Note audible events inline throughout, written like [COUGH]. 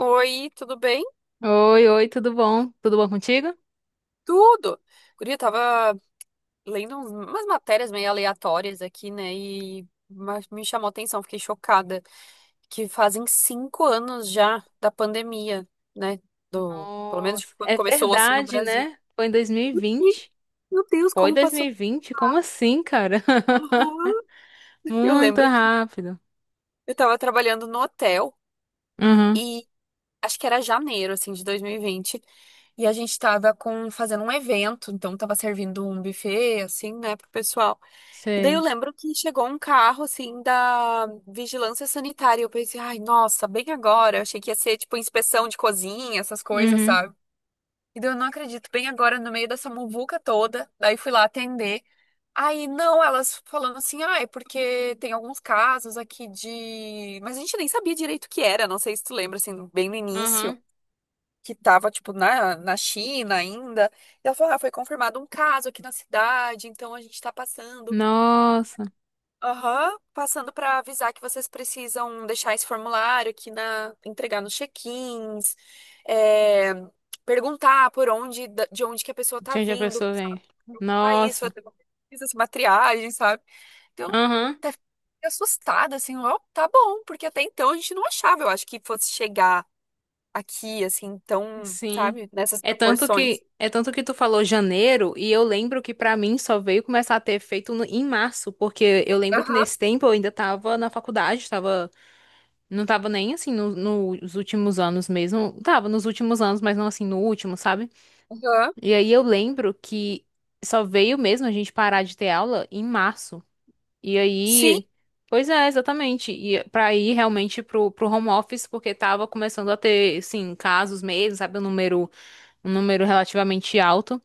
Oi, tudo bem? Oi, oi, tudo bom? Tudo bom contigo? Tudo. Guria, eu tava lendo umas matérias meio aleatórias aqui, né? E me chamou a atenção, fiquei chocada, que fazem 5 anos já da pandemia, né? Do, pelo menos de Nossa, quando é começou assim no verdade, Brasil. né? Foi em E, 2020. meu Deus, Foi como passou. 2020? Como assim, cara? [LAUGHS] Uhum. Eu Muito lembro que rápido. eu tava trabalhando no hotel. Uhum, Acho que era janeiro, assim, de 2020. E vinte. E a gente tava com, fazendo um evento, então tava servindo um buffet, assim, né, pro pessoal. E daí eu sei. lembro que chegou um carro, assim, da vigilância sanitária. E eu pensei, ai, nossa, bem agora. Eu achei que ia ser, tipo, inspeção de cozinha, essas coisas, Uhum, sabe? E daí eu não acredito, bem agora, no meio dessa muvuca toda. Daí fui lá atender. Aí, não, elas falando assim, ah, é porque tem alguns casos aqui de. Mas a gente nem sabia direito o que era, não sei se tu lembra, assim, bem no início uhum. que estava, tipo, na China ainda. E ela falou, ah, foi confirmado um caso aqui na cidade, então a gente está passando. Nossa, Aham, passando para avisar que vocês precisam deixar esse formulário aqui na, entregar nos check-ins, é, perguntar por onde, de onde que a pessoa tá de onde a vindo, pessoa sabe, vem? o país, Nossa, fazer uma pesquisa, assim, uma triagem, sabe? Então, uhum, até fiquei assustada, assim, ó, tá bom, porque até então a gente não achava, eu acho que fosse chegar aqui, assim, tão, sim. sabe, nessas É tanto proporções. que, é tanto que tu falou janeiro e eu lembro que pra mim só veio começar a ter efeito em março, porque eu lembro que Aham, nesse tempo eu ainda tava na faculdade, tava. Não tava nem assim no- Nos últimos anos mesmo. Tava nos últimos anos, mas não assim no último, sabe? aham. E aí eu lembro que só veio mesmo a gente parar de ter aula em março. E Sim, aí. Pois é, exatamente. E pra ir realmente pro home office, porque tava começando a ter, assim, casos mesmo, sabe? Um número relativamente alto.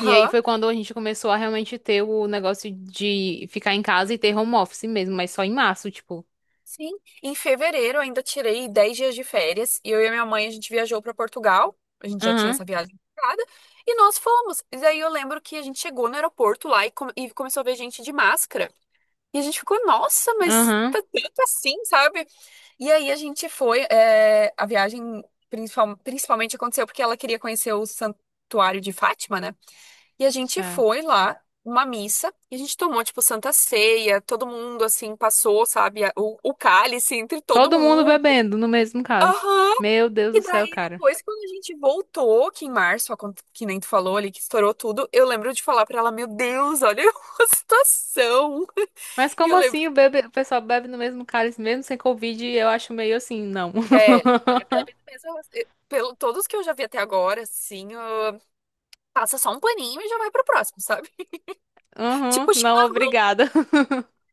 E aí foi quando a gente começou a realmente ter o negócio de ficar em casa e ter home office mesmo, mas só em março, tipo. Sim. Em fevereiro eu ainda tirei 10 dias de férias e eu e a minha mãe a gente viajou para Portugal. A gente já tinha Aham, essa viagem marcada e nós fomos. E daí eu lembro que a gente chegou no aeroporto lá e, e começou a ver gente de máscara. E a gente ficou, nossa, mas aham. tá tanto assim, sabe? E aí a gente foi, é, a viagem principalmente aconteceu porque ela queria conhecer o Santuário de Fátima, né? E a gente foi lá, uma missa, e a gente tomou, tipo, Santa Ceia, todo mundo, assim, passou, sabe, o cálice entre todo Todo mundo mundo. bebendo no mesmo cálice. Aham! Meu Deus do E céu, daí, cara. depois, quando a gente voltou, que em março, que nem tu falou ali, que estourou tudo, eu lembro de falar pra ela, meu Deus, olha [LAUGHS] a situação. Mas E como eu lembro, assim o pessoal bebe no mesmo cálice, mesmo sem Covid? Eu acho meio assim, não. é, [LAUGHS] a Pepe pensa, pelo todos que eu já vi até agora, assim, ah, passa só um paninho e já vai pro próximo, sabe? [LAUGHS] Uhum, Tipo, não, chimarrão, obrigada. [LAUGHS]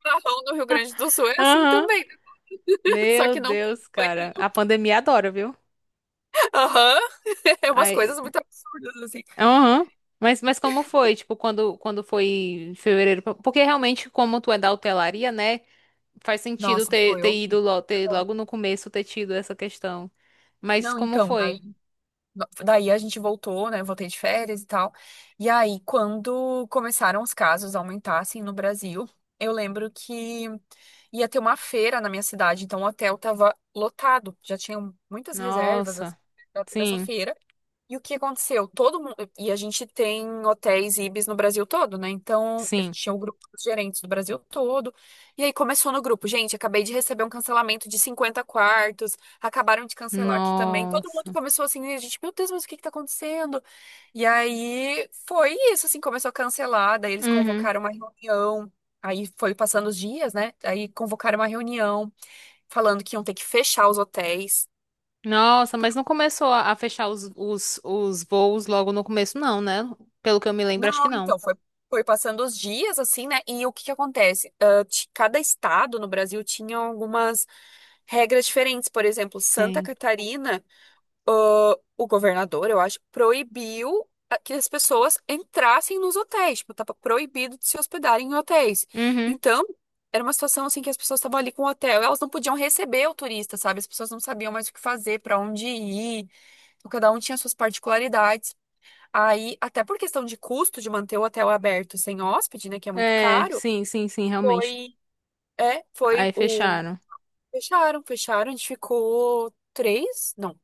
chimarrão no Rio Grande do Sul é assim Uhum. também. [LAUGHS] Só Meu que não tem Deus, cara. paninho. A pandemia adora, viu? Aham. [LAUGHS] É umas Aí, coisas muito absurdas, assim. uhum. Mas como foi? Tipo, quando foi em fevereiro? Porque realmente, como tu é da hotelaria, né? Faz sentido Nossa, ter, foi ter ido horrível. logo, ter, Aham. logo no começo ter tido essa questão. Mas Não, como então, daí, foi? daí a gente voltou, né? Voltei de férias e tal. E aí, quando começaram os casos a aumentar, assim, no Brasil, eu lembro que ia ter uma feira na minha cidade, então o hotel tava lotado. Já tinham muitas reservas, assim, Nossa, pra toda essa sim. feira. E o que aconteceu? Todo mundo. E a gente tem hotéis Ibis no Brasil todo, né? Então, eu Sim. tinha o grupo dos gerentes do Brasil todo. E aí começou no grupo. Gente, acabei de receber um cancelamento de 50 quartos. Acabaram de cancelar aqui também. Todo mundo Nossa. começou assim, e a gente, meu Deus, mas o que que tá acontecendo? E aí foi isso, assim, começou a cancelar. Daí eles Uhum. convocaram uma reunião. Aí foi passando os dias, né? Aí convocaram uma reunião falando que iam ter que fechar os hotéis. Nossa, mas não começou a fechar os voos logo no começo, não, né? Pelo que eu me lembro, acho que Não, não. então, foi, foi passando os dias, assim, né? E o que que acontece? Ah, cada estado no Brasil tinha algumas regras diferentes. Por exemplo, Santa Sim. Catarina, ah, o governador, eu acho, proibiu que as pessoas entrassem nos hotéis. Tipo, tava proibido de se hospedarem em hotéis. Uhum. Então, era uma situação, assim, que as pessoas estavam ali com o hotel. Elas não podiam receber o turista, sabe? As pessoas não sabiam mais o que fazer, para onde ir. Então, cada um tinha suas particularidades. Aí, até por questão de custo de manter o hotel aberto sem hóspede, né, que é muito É, caro, sim, sim, sim, realmente. foi, é, foi Aí o fecharam. fecharam, a gente ficou três, não,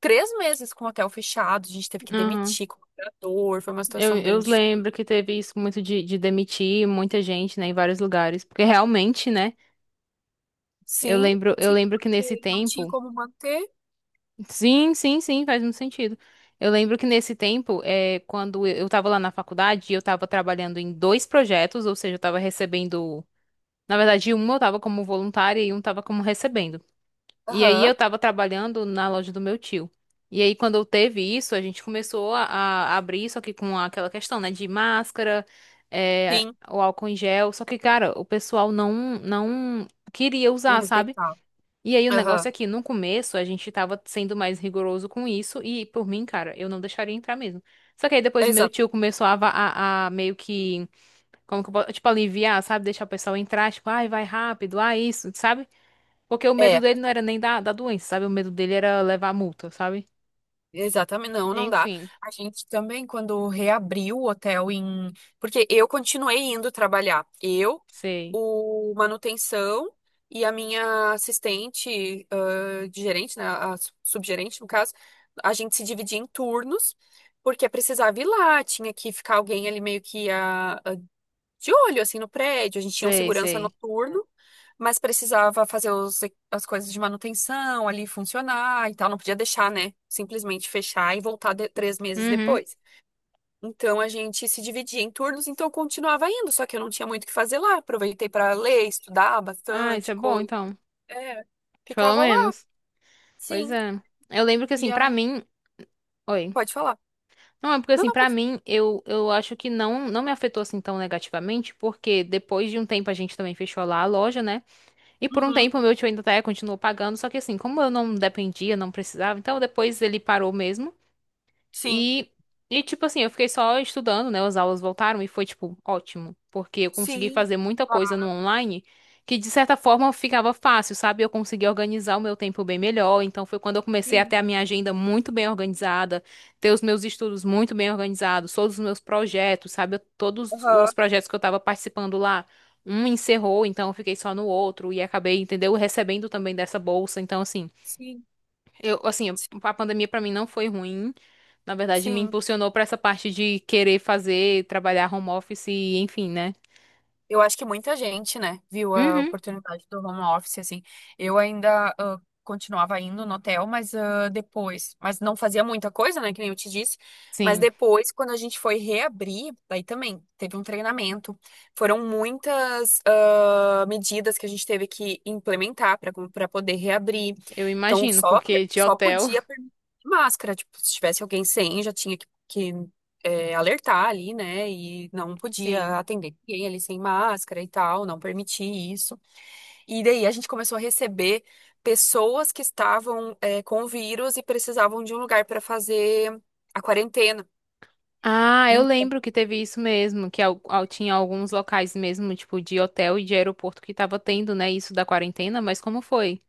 três meses com o hotel fechado, a gente teve que Uhum. demitir colaborador, foi uma Eu, situação eu bem difícil. lembro que teve isso muito de demitir muita gente, né, em vários lugares. Porque realmente, né? Sim, Eu sim, lembro que nesse porque não tinha tempo. como manter. Sim, sim, sim, faz muito sentido. Eu lembro que nesse tempo, é, quando eu estava lá na faculdade, eu estava trabalhando em dois projetos, ou seja, eu estava recebendo. Na verdade, um eu estava como voluntária e um estava como recebendo. E aí eu Aham, estava trabalhando na loja do meu tio. E aí, quando eu teve isso, a gente começou a abrir, só que com aquela questão, né, de máscara, é, sim, o álcool em gel. Só que, cara, o pessoal não queria não usar, sabe? respeitava. E aí o negócio Aham, é que no começo a gente tava sendo mais rigoroso com isso e por mim, cara, eu não deixaria entrar mesmo. Só que aí depois meu exato. tio começou a meio que, como que eu posso, tipo, aliviar, sabe? Deixar o pessoal entrar, tipo, ai, vai rápido, ah, isso, sabe? Porque o medo É, dele não era nem da doença, sabe? O medo dele era levar multa, sabe? exatamente, não, não dá. Enfim, A gente também, quando reabriu o hotel em. Porque eu continuei indo trabalhar. Eu, sei, o manutenção e a minha assistente, de gerente, né? Subgerente, no caso, a gente se dividia em turnos, porque precisava ir lá, tinha que ficar alguém ali meio que de olho, assim, no prédio. A gente tinha um sei, segurança sei. noturno. Mas precisava fazer os as coisas de manutenção ali funcionar e tal, não podia deixar, né? Simplesmente fechar e voltar 3 meses Uhum. depois. Então a gente se dividia em turnos, então eu continuava indo, só que eu não tinha muito o que fazer lá. Aproveitei para ler, estudar Ah, isso é bastante bom coisa. então. É, Pelo ficava lá, menos. Pois sim. é. Eu lembro que E assim, pra aí, mim. Oi. pode falar. Não, é porque Não, assim, não, pra pode. mim, eu acho que não, não me afetou assim tão negativamente, porque depois de um tempo a gente também fechou lá a loja, né? E por um Uhum, tempo o meu tio ainda até continuou pagando, só que assim, como eu não dependia, não precisava, então depois ele parou mesmo. sim, E, tipo assim, eu fiquei só estudando, né? As aulas voltaram e foi, tipo, ótimo. Porque eu consegui sim, fazer muita ah, coisa no online que, de certa forma, ficava fácil, sabe? Eu consegui organizar o meu tempo bem melhor. Então, foi quando eu comecei a ter sim, a minha agenda muito bem organizada, ter os meus estudos muito bem organizados, todos os meus projetos, sabe? Todos aham, os projetos que eu tava participando lá. Um encerrou, então eu fiquei só no outro e acabei, entendeu? Recebendo também dessa bolsa. Então, assim. sim, Eu, assim, a pandemia pra mim não foi ruim. Na verdade, me sim. impulsionou pra essa parte de querer fazer, trabalhar home office e enfim, né? Eu acho que muita gente, né, viu a Uhum. oportunidade do home office, assim. Eu ainda continuava indo no hotel, mas depois, mas não fazia muita coisa, né, que nem eu te disse. Mas Sim, depois, quando a gente foi reabrir, daí também teve um treinamento. Foram muitas medidas que a gente teve que implementar para poder reabrir. eu Então, imagino, só porque de só hotel, podia permitir máscara, tipo, se tivesse alguém sem, já tinha que é, alertar ali, né? E não [LAUGHS] podia sim. atender ninguém ali sem máscara e tal, não permitir isso. E daí a gente começou a receber pessoas que estavam, é, com o vírus e precisavam de um lugar para fazer a quarentena. Ah, eu Então, lembro que teve isso mesmo, que tinha alguns locais mesmo, tipo de hotel e de aeroporto que tava tendo, né, isso da quarentena, mas como foi?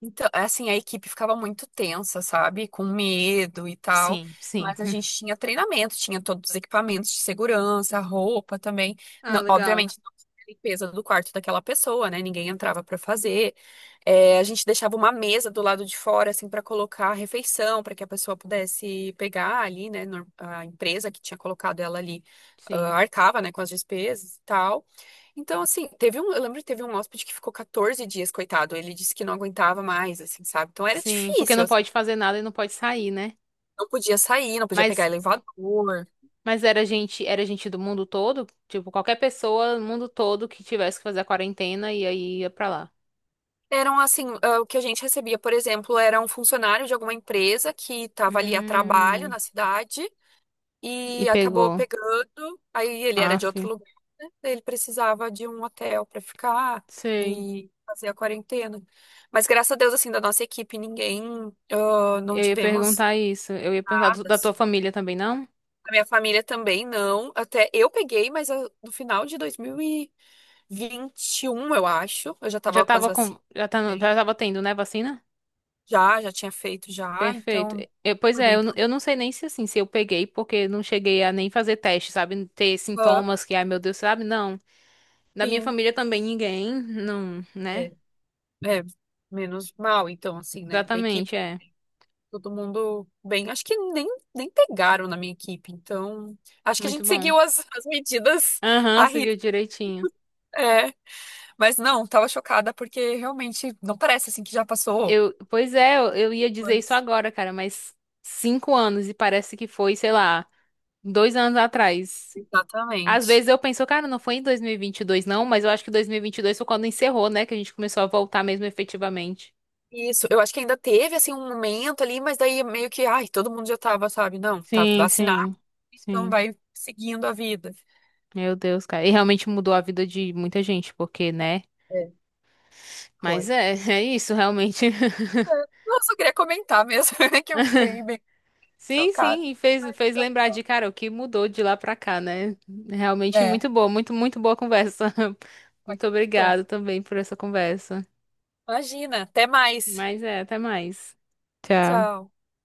Então, é assim, a equipe ficava muito tensa, sabe? Com medo e tal. Sim, sim. Mas a gente tinha treinamento, tinha todos os equipamentos de segurança, roupa também. Ah, Não, legal. obviamente, não tinha limpeza do quarto daquela pessoa, né? Ninguém entrava pra fazer. É, a gente deixava uma mesa do lado de fora, assim, pra colocar a refeição, pra que a pessoa pudesse pegar ali, né? A empresa que tinha colocado ela ali, ah, Sim. arcava, né, com as despesas e tal. Então, assim, teve um, eu lembro que teve um hóspede que ficou 14 dias, coitado. Ele disse que não aguentava mais, assim, sabe? Então era Sim, porque difícil, não assim, pode fazer nada e não pode sair, né? não podia sair, não podia pegar Mas elevador. Mas era gente do mundo todo? Tipo, qualquer pessoa do mundo todo que tivesse que fazer a quarentena e aí ia pra lá. Eram assim, ah, o que a gente recebia, por exemplo, era um funcionário de alguma empresa que estava ali a trabalho Hum, na cidade e e acabou pegou. pegando, aí ele era de Aff, outro lugar, né? Ele precisava de um hotel para ficar sei. e fazer a quarentena. Mas graças a Deus, assim, da nossa equipe, ninguém, ah, não Eu ia tivemos perguntar isso. Eu ia perguntar nada, da tua assim. família também, não? A minha família também não. Até eu peguei, mas no final de 2021, eu acho, eu já Já tava com as tava com, vacinas. já tá, Né? já tava tendo, né, vacina? Já tinha feito já, Perfeito. então Pois foi é, bem tranquilo. eu não sei nem se assim, se eu peguei, porque não cheguei a nem fazer teste, sabe? Ter Ah, sintomas que, ai meu Deus, sabe? Não. Da minha sim, família também ninguém, não, é, né? é, menos mal, então, assim, né? Da equipe, Exatamente, é. todo mundo bem. Acho que nem pegaram na minha equipe, então. Acho que a Muito gente bom. seguiu as medidas Aham, a risca. seguiu direitinho. É, mas não, tava chocada porque realmente não parece assim que já passou. Eu, pois é, eu ia dizer isso Anos. agora, cara, mas 5 anos e parece que foi, sei lá, 2 anos atrás. Às Exatamente. vezes eu penso, cara, não foi em dois mil e vinte e dois, não, mas eu acho que dois mil e vinte e dois foi quando encerrou, né, que a gente começou a voltar mesmo efetivamente. Isso, eu acho que ainda teve assim um momento ali, mas daí meio que, ai, todo mundo já tava, sabe? Não, tá Sim, vacinado, sim, então sim. vai seguindo a vida. Meu Deus, cara. E realmente mudou a vida de muita gente, porque, né? É. Foi. Mas é, [LAUGHS] é isso, realmente. [LAUGHS] É. Nossa, eu só queria comentar mesmo, [LAUGHS] que eu fiquei bem Sim, chocada. sim, e fez, fez Então, lembrar de, cara, o que mudou de lá pra cá, né? Realmente é, muito boa, muito, muito boa conversa. [LAUGHS] aqui Muito estou. obrigado também por essa conversa. Imagina, até mais. Mas é, até mais. Tchau. Tchau.